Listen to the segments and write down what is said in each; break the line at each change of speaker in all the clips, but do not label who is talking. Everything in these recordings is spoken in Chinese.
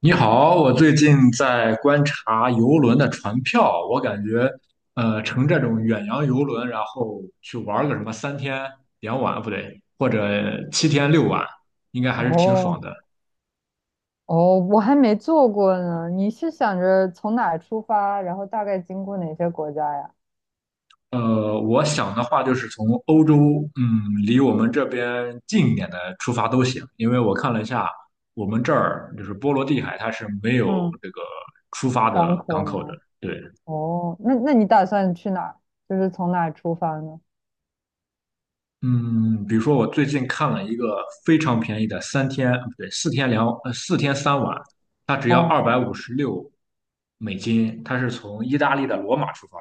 你好，我最近在观察游轮的船票，我感觉，乘这种远洋游轮，然后去玩个什么3天2晚，不对，或者7天6晚，应该还是挺爽
哦
的。
哦，我还没做过呢。你是想着从哪儿出发，然后大概经过哪些国家呀？
我想的话就是从欧洲，离我们这边近一点的出发都行，因为我看了一下，我们这儿就是波罗的海，它是没有
嗯，
这个出发
港
的港
口
口的，
吗？
对。
哦，那你打算去哪儿？就是从哪儿出发呢？
嗯，比如说我最近看了一个非常便宜的三天，不对，4天3晚，它只要
哦，
$256，它是从意大利的罗马出发，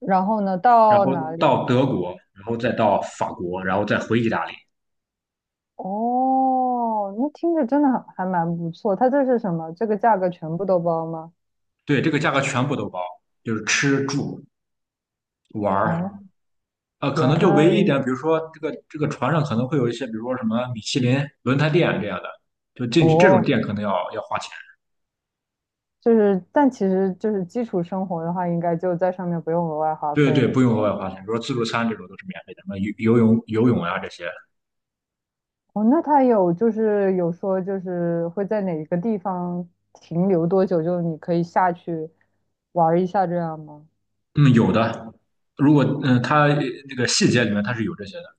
然后呢，
然
到
后
哪里？
到德国，然后再到法国，然后再回意大利。
哦，那听着真的还蛮不错。它这是什么？这个价格全部都包吗？
对，这个价格全部都包，就是吃住玩儿，
哦，
可
原
能就
来
唯一一
如
点，比如说这个船上可能会有一些，比如说什么米其林轮胎店这样的，就进去这种
哦，
店可能要花钱。
就是，但其实就是基础生活的话，应该就在上面不用额外花
对
费
对，
了，
不
是
用额外
吧？
花钱，比如说自助餐这种都是免费的，什么游泳、游泳啊这些，
哦，那他有就是有说就是会在哪个地方停留多久，就你可以下去玩儿一下这样吗？
嗯，有的。如果它那个细节里面它是有这些的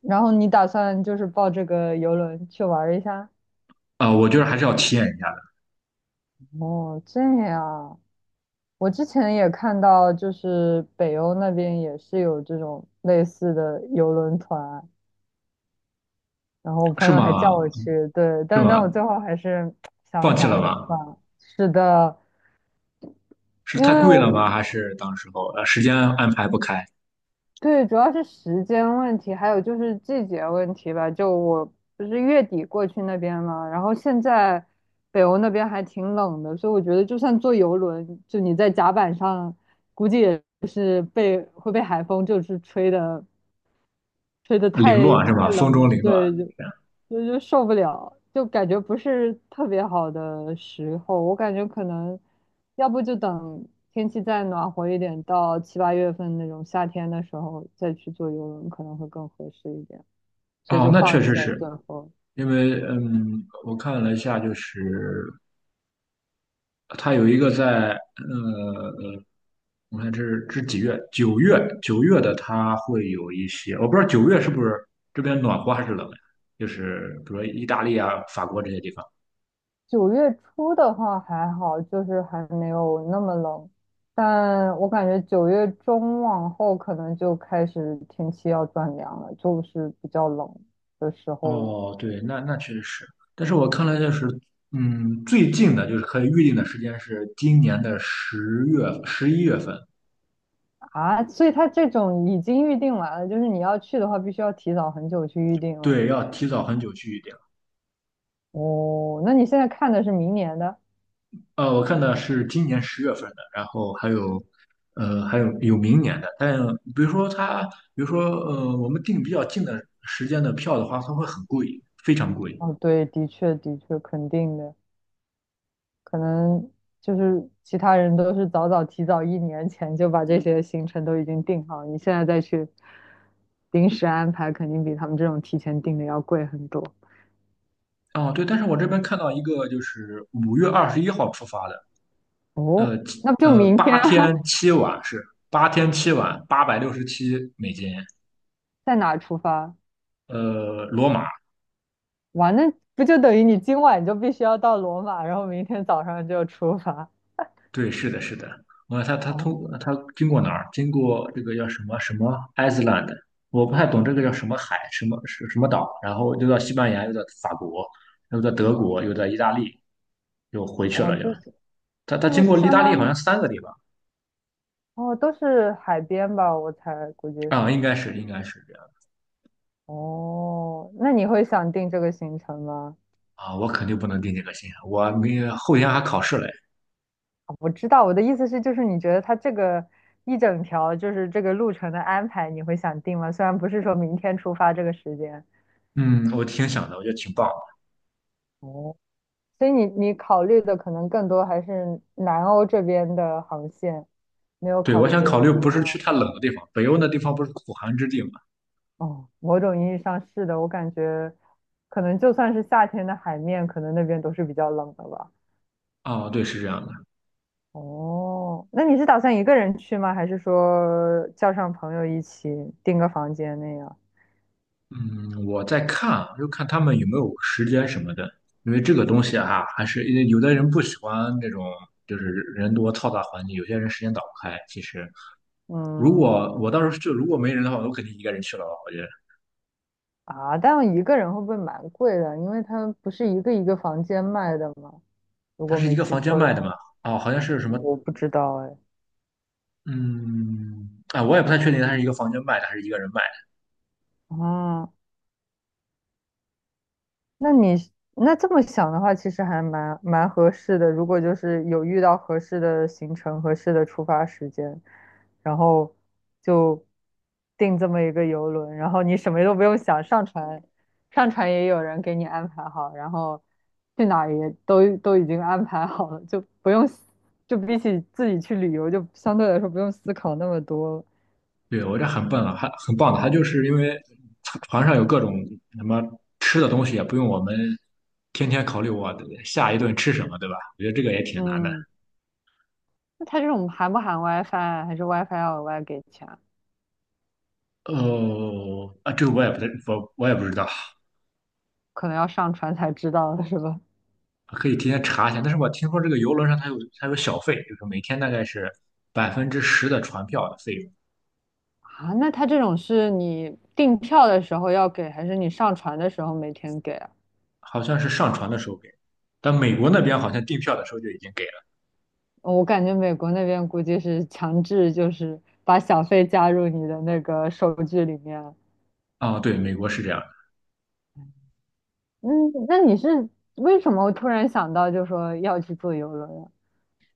然后你打算就是报这个游轮去玩儿一下？
啊，我觉得还是要体验一下的，
哦，这样。我之前也看到，就是北欧那边也是有这种类似的游轮团，然后我朋
是
友还
吗？
叫我去，对，
是
但
吗？
我最后还是想
放
了
弃
想，
了
还是算
吗？
了。是的，
是
因
太
为
贵
我
了吗？还是当时候时间安排不开，
对，主要是时间问题，还有就是季节问题吧。就我不是月底过去那边嘛，然后现在北欧那边还挺冷的，所以我觉得就算坐游轮，就你在甲板上，估计也会被海风就是吹的
凌
太
乱是吧？
太冷
风中凌
了，
乱。
对，就受不了，就感觉不是特别好的时候。我感觉可能，要不就等天气再暖和一点，到7、8月份那种夏天的时候再去坐游轮可能会更合适一点，所以
哦，
就
那
放
确实
弃了
是
最后。
因为，我看了一下，就是它有一个在我看这是几月？九月，九月的它会有一些，我不知道九月是不是这边暖和还是冷呀？就是比如说意大利啊、法国这些地方。
9月初的话还好，就是还没有那么冷，但我感觉9月中往后可能就开始天气要转凉了，就是比较冷的时候了。
哦，对，那那确实是，但是我看了就是，最近的就是可以预定的时间是今年的10月、11月份，
啊，所以他这种已经预定完了，就是你要去的话，必须要提早很久去预定了。
对，要提早很久去。
哦，那你现在看的是明年的？
我看的是今年10月份的，然后还有，还有明年的。但比如说它，比如说我们订比较近的时间的票的话，它会很贵，非常贵。
哦，对，的确，的确，肯定的，可能就是其他人都是早早提早1年前就把这些行程都已经定好，你现在再去临时安排，肯定比他们这种提前定的要贵很多。
哦，对，但是我这边看到一个就是5月21号出发的，
哦，
呃七
那就
呃，
明
八
天啊，
天七晚，$867。
在哪出发？
罗马
哇，那不就等于你今晚就必须要到罗马，然后明天早上就出发。
对，是的，是的。我他他
哦，
通他经过哪儿？经过这个叫什么什么 Iceland，我不太懂这个叫什么海，什么是什么岛，然后又到西班牙，又到法国，又到德国，又到意大利，又回去
哦，
了又。
就是
他
这
他
不
经过意
相
大利
当
好像
于
三个地方
哦，都是海边吧？我猜估计
啊，
是。
应该是这样
哦，那你会想定这个行程吗？
啊，我肯定不能定这个心啊，我明后天还考试嘞。
啊我知道，我的意思是，就是你觉得它这个一整条就是这个路程的安排，你会想定吗？虽然不是说明天出发这个时间。
嗯，我挺想的，我觉得挺棒的。
哦，所以你考虑的可能更多还是南欧这边的航线，没有
对，
考
我
虑
想
别
考
的
虑
地
不是去
方。
太冷的地方，北欧那地方不是苦寒之地嘛？
哦，某种意义上是的，我感觉可能就算是夏天的海面，可能那边都是比较冷的吧。
啊，对，是这样的。
哦，那你是打算一个人去吗？还是说叫上朋友一起订个房间那样？
嗯，我在看啊就看他们有没有时间什么的，因为这个东西啊，还是因为有的人不喜欢那种就是人多嘈杂环境，有些人时间打不开。其实，如
嗯，
果我到时候就如果没人的话，我肯定一个人去了吧。我觉得
啊，但一个人会不会蛮贵的？因为它不是一个一个房间卖的吗？如
它
果
是一
没
个
记
房间
错的，
卖的嘛，哦，好像是什么，
我不知道哎。
嗯，啊，我也不太确定它是一个房间卖的还是一个人卖。
啊，那你这么想的话，其实还蛮合适的。如果就是有遇到合适的行程、合适的出发时间，然后就订这么一个游轮，然后你什么都不用想，上船也有人给你安排好，然后去哪儿也都已经安排好了，就不用思就比起自己去旅游，就相对来说不用思考那么多了。
对，我这很笨啊，还很棒的。他就是因为船上有各种什么吃的东西，也不用我们天天考虑我下一顿吃什么，对吧？我觉得这个也挺难的。
嗯，那它这种含不含 WiFi 啊还是 WiFi 要额外给钱啊？
哦，啊，这个我也不太，我也不知道，
可能要上船才知道的是吧？
可以提前查一下。但是我听说这个游轮上它有它有小费，就是每天大概是10%的船票的费用，
啊，那他这种是你订票的时候要给，还是你上船的时候每天给啊？
好像是上船的时候给，但美国那边好像订票的时候就已经给了。
我感觉美国那边估计是强制，就是把小费加入你的那个收据里面。
啊，对，美国是这样。
嗯，那你是为什么突然想到就说要去坐游轮啊？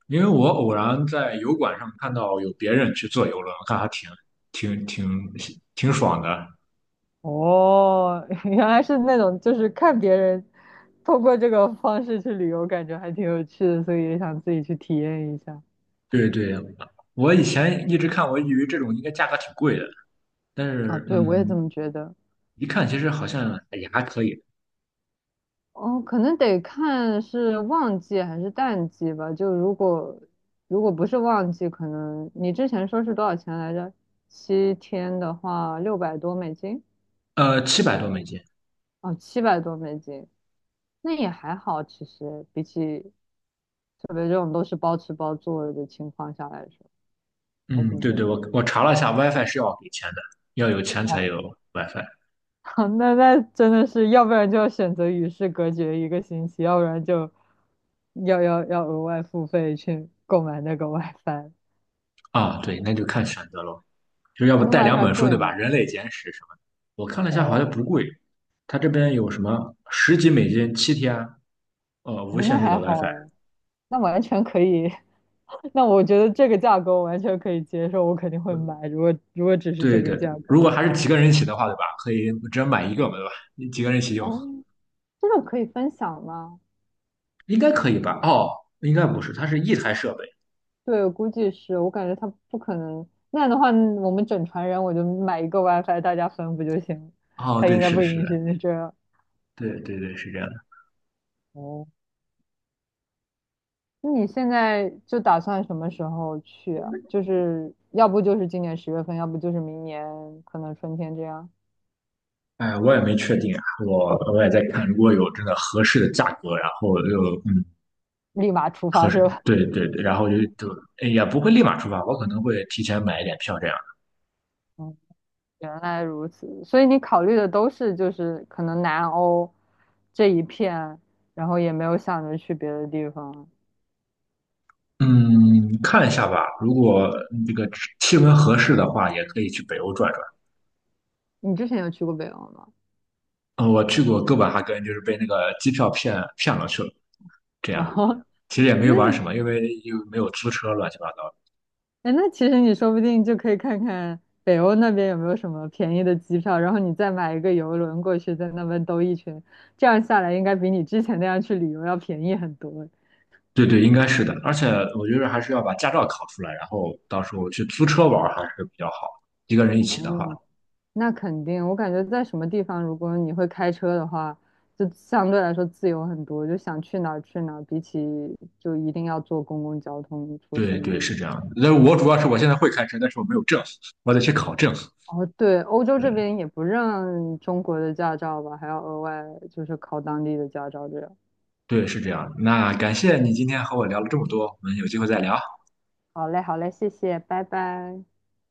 因为我偶然在油管上看到有别人去坐游轮，我看还挺挺挺爽的。
哦，原来是那种就是看别人通过这个方式去旅游，感觉还挺有趣的，所以也想自己去体验一下。
对对，我以前一直看，我以为这种应该价格挺贵的，但
啊，
是
对，我也这么觉得。
一看其实好像也还可以，
哦，可能得看是旺季还是淡季吧。就如果不是旺季，可能你之前说是多少钱来着？7天的话，600多美金，
$700多。
哦，700多美金，那也还好。其实比起特别这种都是包吃包住的情况下来说，还
嗯，
挺
对
便
对，
宜
我
的。
我查了一下，WiFi 是要给钱的，要有钱才
哦，
有 WiFi
那真的是，要不然就要选择与世隔绝一个星期，要不然就要额外付费去购买那个 WiFi。
啊。对，那就看选择咯，就要
它
不
那
带两
WiFi
本书，
贵
对吧？
吗？
《人类简史》什么的，我看了一下，好像不
哦，
贵。它这边有什么十几美金七天，
哎，
无
那
限制
还
的
好
WiFi，
哎，那完全可以。那我觉得这个价格我完全可以接受，我肯定会买。如果只是
对
这个
对对，
价格
如果
的
还是
话，
几个人一起的话，对吧？可以只能买一个嘛，对吧？你几个人一起
哎，
用，
这种可以分享吗？
应该可以吧？哦，应该不是，它是一台设备。
对，我估计是，我感觉他不可能。那样的话，我们整船人我就买一个 WiFi，大家分不就行了。
哦，
他
对，
应该
是
不
的，是
允许
的，
你这样。
对对对，是这样的。
哦，那你现在就打算什么时候去啊？就是要不就是今年10月份，要不就是明年可能春天这样，
哎，我也没确定啊，我也在看，如果有真的合适的价格，然后又
立马出
合
发
适，
是吧？
对对对，然后就哎也不会立马出发，我可能会提前买一点票这样。
原来如此，所以你考虑的都是就是可能南欧这一片，然后也没有想着去别的地方。
嗯，看一下吧，如果这个气温合适的话，也可以去北欧转转。
你之前有去过北欧吗？
嗯，我去过哥本哈根，就是被那个机票骗了去了，这样，
哦，
其实也 没有玩
那
什么，因为又没有租车，乱七八糟的
哎，那其实你说不定就可以看看北欧那边有没有什么便宜的机票，然后你再买一个游轮过去，在那边兜一圈，这样下来应该比你之前那样去旅游要便宜很多。
对对，应该是的，而且我觉得还是要把驾照考出来，然后到时候去租车玩还是比较好，一个人一起的话。
嗯。那肯定，我感觉在什么地方，如果你会开车的话，就相对来说自由很多，就想去哪儿去哪儿，比起就一定要坐公共交通出
对
行那
对，
样。
是这样的。但是我主要是我现在会开车，但是我没有证，我得去考证。
哦，对，欧洲这
对
边也不认中国的驾照吧，还要额外就是考当地的驾照这样。
对，是这样。那感谢你今天和我聊了这么多，我们有机会再聊。
好嘞，好嘞，谢谢，拜拜。